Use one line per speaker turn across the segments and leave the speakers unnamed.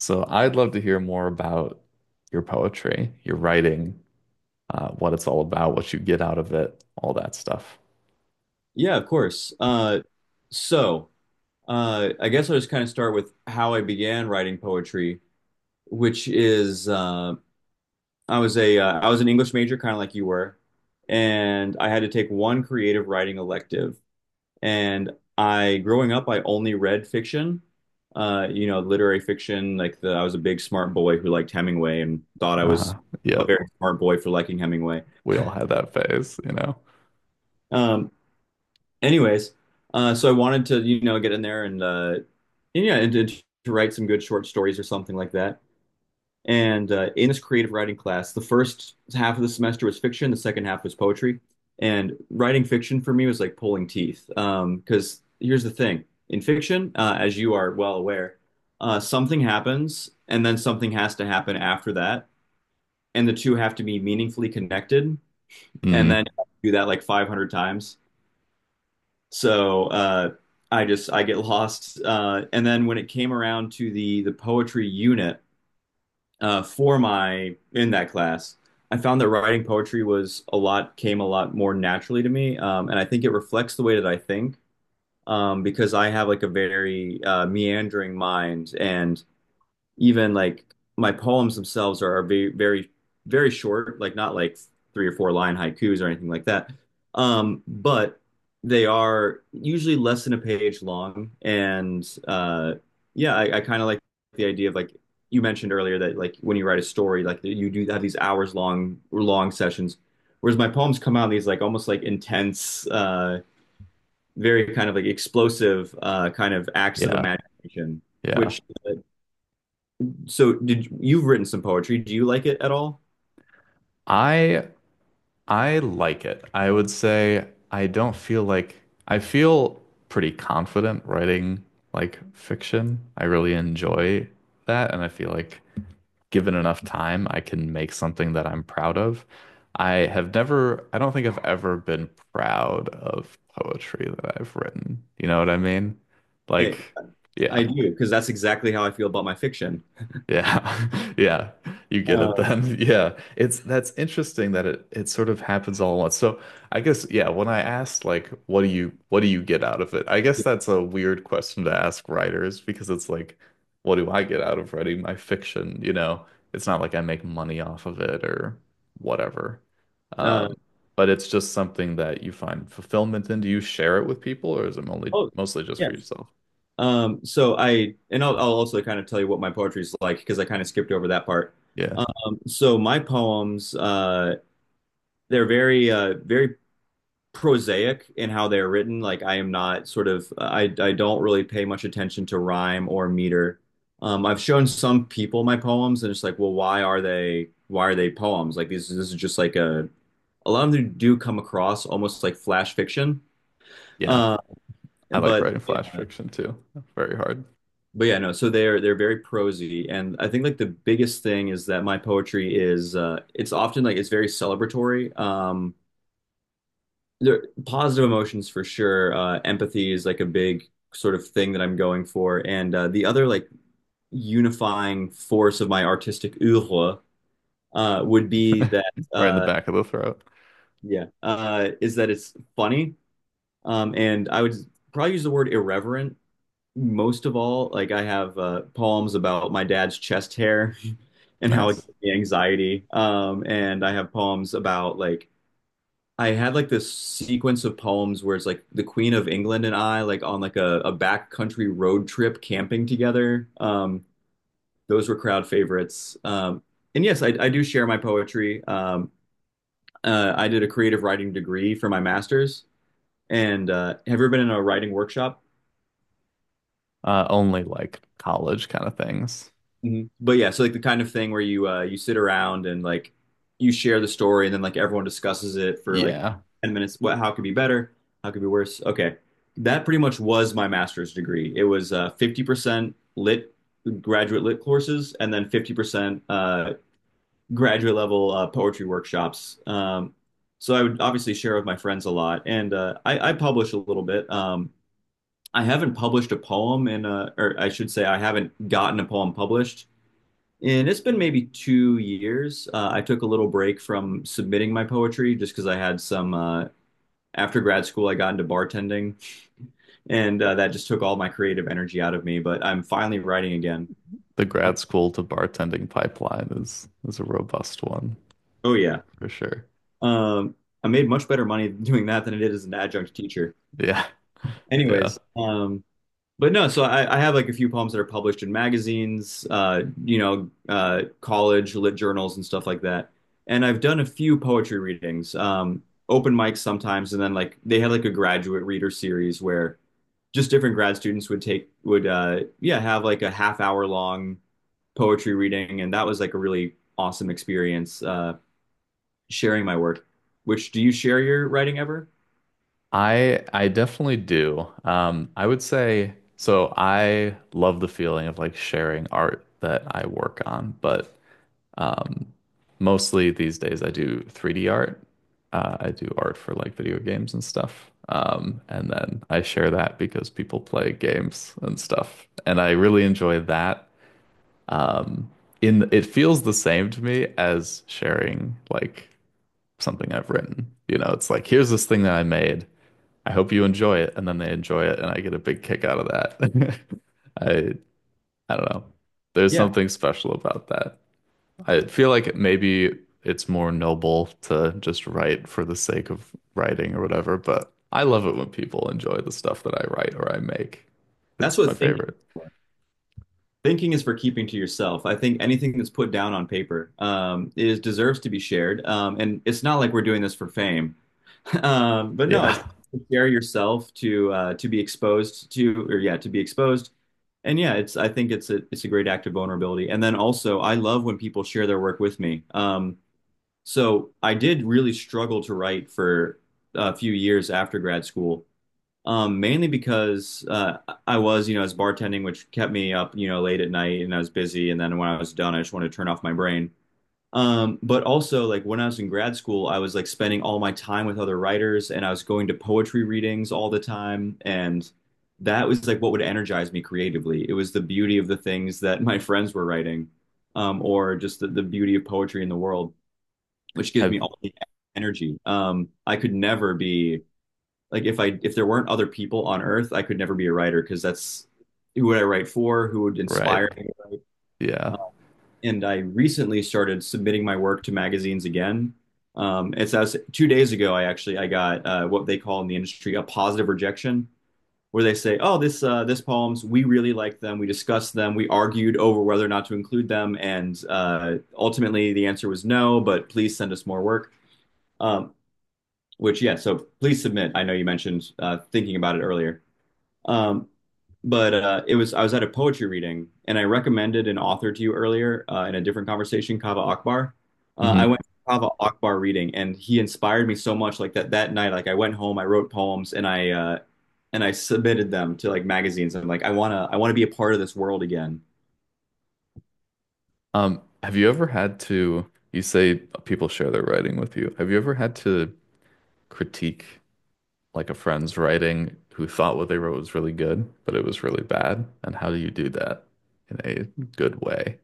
So I'd love to hear more about your poetry, your writing, what it's all about, what you get out of it, all that stuff.
Yeah, of course. So, I guess I'll just kind of start with how I began writing poetry, which is I was a I was an English major, kind of like you were, and I had to take one creative writing elective. And I, growing up, I only read fiction, literary fiction. Like I was a big smart boy who liked Hemingway and thought I was
Uh-huh.
a
Yep.
very smart boy for liking Hemingway.
We all had that phase,
Um, anyways, so I wanted to, you know, get in there and, and to write some good short stories or something like that. And in this creative writing class, the first half of the semester was fiction, the second half was poetry. And writing fiction for me was like pulling teeth. Because here's the thing, in fiction, as you are well aware, something happens, and then something has to happen after that, and the two have to be meaningfully connected. And
Hmm.
then do that like 500 times. So I just I get lost. And then when it came around to the poetry unit for my in that class, I found that writing poetry was a lot came a lot more naturally to me, and I think it reflects the way that I think, because I have like a very meandering mind, and even like my poems themselves are very very short, like not like three or four line haikus or anything like that. But they are usually less than a page long, and yeah, I kind of like the idea of like you mentioned earlier that like when you write a story, like you do have these hours long sessions, whereas my poems come out in these like almost like intense, very kind of like explosive kind of acts of
Yeah.
imagination,
Yeah.
which uh, so did you've written some poetry? Do you like it at all?
I I like it. I would say I don't feel like I feel pretty confident writing like fiction. I really enjoy that, and I feel like given enough time, I can make something that I'm proud of. I have never, I don't think I've ever been proud of poetry that I've written. You know what I mean?
Hey,
Like, yeah,
I do because that's exactly how I feel about my fiction.
yeah. Yeah. You get it
Uh,
then. Yeah. It's that's interesting that it sort of happens all at once. So I guess yeah, when I asked like what do you get out of it? I guess that's a weird question to ask writers because it's like what do I get out of writing my fiction, you know? It's not like I make money off of it or whatever.
uh,
Um, but it's just something that you find fulfillment in. Do you share it with people or is it only
oh,
mostly just for
yes.
yourself?
So I'll also kind of tell you what my poetry is like because I kind of skipped over that part.
Yeah.
So my poems, they're very, very prosaic in how they're written. Like I am not sort of I don't really pay much attention to rhyme or meter. I've shown some people my poems and it's like, well, why are they poems? Like this is just like a lot of them do come across almost like flash fiction.
Yeah.
Uh,
I like
but
writing flash
yeah,
fiction too. Very hard.
but yeah, no. So they're very prosy, and I think like the biggest thing is that my poetry is it's often like it's very celebratory. There positive emotions for sure. Empathy is like a big sort of thing that I'm going for, and the other like unifying force of my artistic oeuvre would be that
Right in the back of the throat.
yeah is that it's funny, and I would probably use the word irreverent most of all. Like I have poems about my dad's chest hair and how it
Nice.
gives me anxiety, and I have poems about I had like this sequence of poems where it's like the Queen of England and I like on like a backcountry road trip camping together. Those were crowd favorites. And yes, I do share my poetry. I did a creative writing degree for my master's. And have you ever been in a writing workshop?
Only like college kind of things.
Mhm. But yeah, so like the kind of thing where you you sit around and like you share the story and then like everyone discusses it for like
Yeah.
10 minutes. What how could be better? How could be worse? Okay. That pretty much was my master's degree. It was 50% lit graduate lit courses and then 50% graduate level poetry workshops. So I would obviously share with my friends a lot and I publish a little bit. I haven't published a poem in a, or I should say I haven't gotten a poem published and it's been maybe 2 years. I took a little break from submitting my poetry just because I had some, after grad school, I got into bartending, and that just took all my creative energy out of me. But I'm finally writing again.
The
Uh,
grad school to bartending pipeline is a robust one
oh, yeah.
for sure.
Um, I made much better money doing that than I did as an adjunct teacher.
Yeah.
Anyways,
Yeah.
um, But no, so I have like a few poems that are published in magazines, college lit journals and stuff like that. And I've done a few poetry readings, open mics sometimes, and then like they had like a graduate reader series where just different grad students would take would yeah have like a half hour long poetry reading, and that was like a really awesome experience sharing my work. Which do you share your writing ever?
I definitely do. I would say so I love the feeling of like sharing art that I work on, but um, mostly these days I do 3D art. I do art for like video games and stuff. And then I share that because people play games and stuff. And I really enjoy that. Um, in it feels the same to me as sharing like something I've written. You know, it's like, here's this thing that I made. I hope you enjoy it. And then they enjoy it and I get a big kick out of that. I I don't know. There's
Yeah,
something special about that. I feel like maybe it's more noble to just write for the sake of writing or whatever, but I love it when people enjoy the stuff that I write or I make.
that's
It's
what
my favorite.
thinking. Thinking is for keeping to yourself. I think anything that's put down on paper is deserves to be shared, and it's not like we're doing this for fame. But no,
Yeah.
it's to share yourself to be exposed to, or yeah, to be exposed. And yeah, it's I think it's a great act of vulnerability. And then also, I love when people share their work with me. So I did really struggle to write for a few years after grad school. Mainly because I was, you know, I was bartending, which kept me up, you know, late at night and I was busy. And then when I was done, I just wanted to turn off my brain. But also, like when I was in grad school, I was like spending all my time with other writers and I was going to poetry readings all the time. And that was like what would energize me creatively. It was the beauty of the things that my friends were writing, or just the beauty of poetry in the world, which gives me
Have
all the energy. I could never be like if there weren't other people on Earth, I could never be a writer because that's who would I write for, who would
right.
inspire me to write.
Yeah.
And I recently started submitting my work to magazines again. It's as 2 days ago, I actually I got what they call in the industry a positive rejection, where they say, "Oh, this poems we really liked them, we discussed them, we argued over whether or not to include them, and ultimately the answer was no, but please send us more work." Um, which yeah, so please submit. I know you mentioned thinking about it earlier. Um, but It was I was at a poetry reading and I recommended an author to you earlier in a different conversation, Kava Akbar. I
Hmm.
went to Kava Akbar reading and he inspired me so much like that night like I went home, I wrote poems and I submitted them to like magazines. I'm like I want to be a part of this world again.
Have you ever had to, you say people share their writing with you. Have you ever had to critique like a friend's writing who thought what they wrote was really good, but it was really bad? And how do you do that in a good way?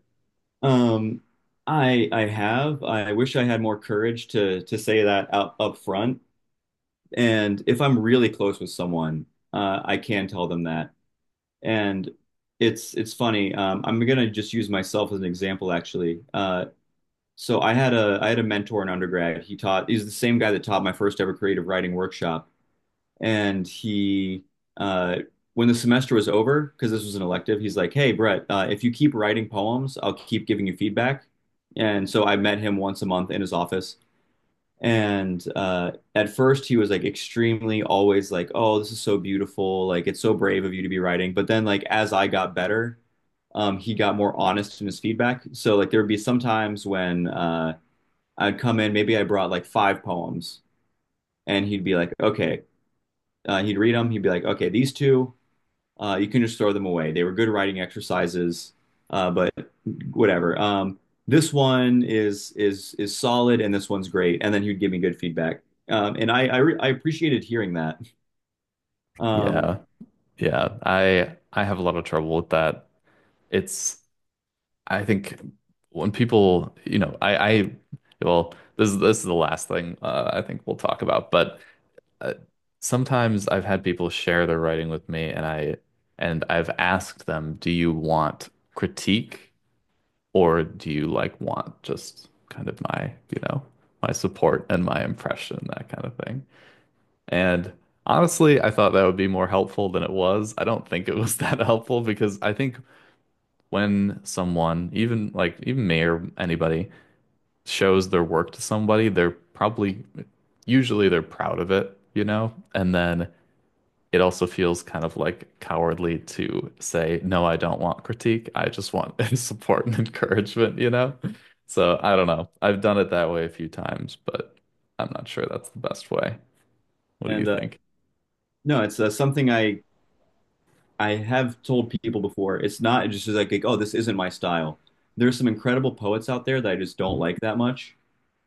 Um, I have. I wish I had more courage to say that out up front. And if I'm really close with someone, I can tell them that. And it's funny. I'm gonna just use myself as an example, actually. So I had a mentor in undergrad. He taught. He's the same guy that taught my first ever creative writing workshop and he uh, when the semester was over, because this was an elective, he's like, "Hey, Brett, if you keep writing poems, I'll keep giving you feedback." And so I met him once a month in his office. And at first, he was like extremely always like, "Oh, this is so beautiful! Like, it's so brave of you to be writing." But then, like as I got better, he got more honest in his feedback. So like there would be some times when I'd come in, maybe I brought like five poems, and he'd be like, "Okay, he'd read them. He'd be like, okay, these two, you can just throw them away. They were good writing exercises, but whatever. This one is solid, and this one's great. And then he'd give me good feedback, and I appreciated hearing that. Um,
Yeah. Yeah, I have a lot of trouble with that. It's I think when people, you know, I well, this is the last thing I think we'll talk about, but uh, sometimes I've had people share their writing with me and I and I've asked them, "Do you want critique or do you like want just kind of my, you know, my support and my impression, that kind of thing?" And honestly, I thought that would be more helpful than it was. I don't think it was that helpful because I think when someone, even like even me or anybody, shows their work to somebody, they're probably usually they're proud of it, you know? And then it also feels kind of like cowardly to say, no, I don't want critique. I just want support and encouragement, you know? So I don't know. I've done it that way a few times, but I'm not sure that's the best way. What do you
and
think?
No, it's something I have told people before. It's not just like, oh, this isn't my style. There's some incredible poets out there that I just don't like that much.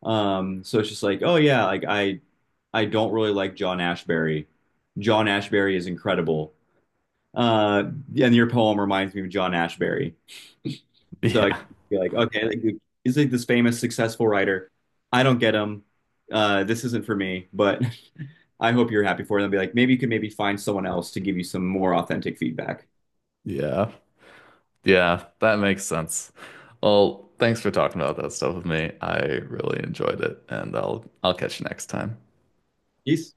So it's just like, oh yeah, I don't really like John Ashbery. John Ashbery is incredible. Uh, and your poem reminds me of John Ashbery. So I
Yeah.
feel like, okay, like, he's like this famous, successful writer. I don't get him. This isn't for me, but I hope you're happy for them. Be like, maybe you could maybe find someone else to give you some more authentic feedback.
Yeah. Yeah, that makes sense. Well, thanks for talking about that stuff with me. I really enjoyed it, and I'll catch you next time.
Peace.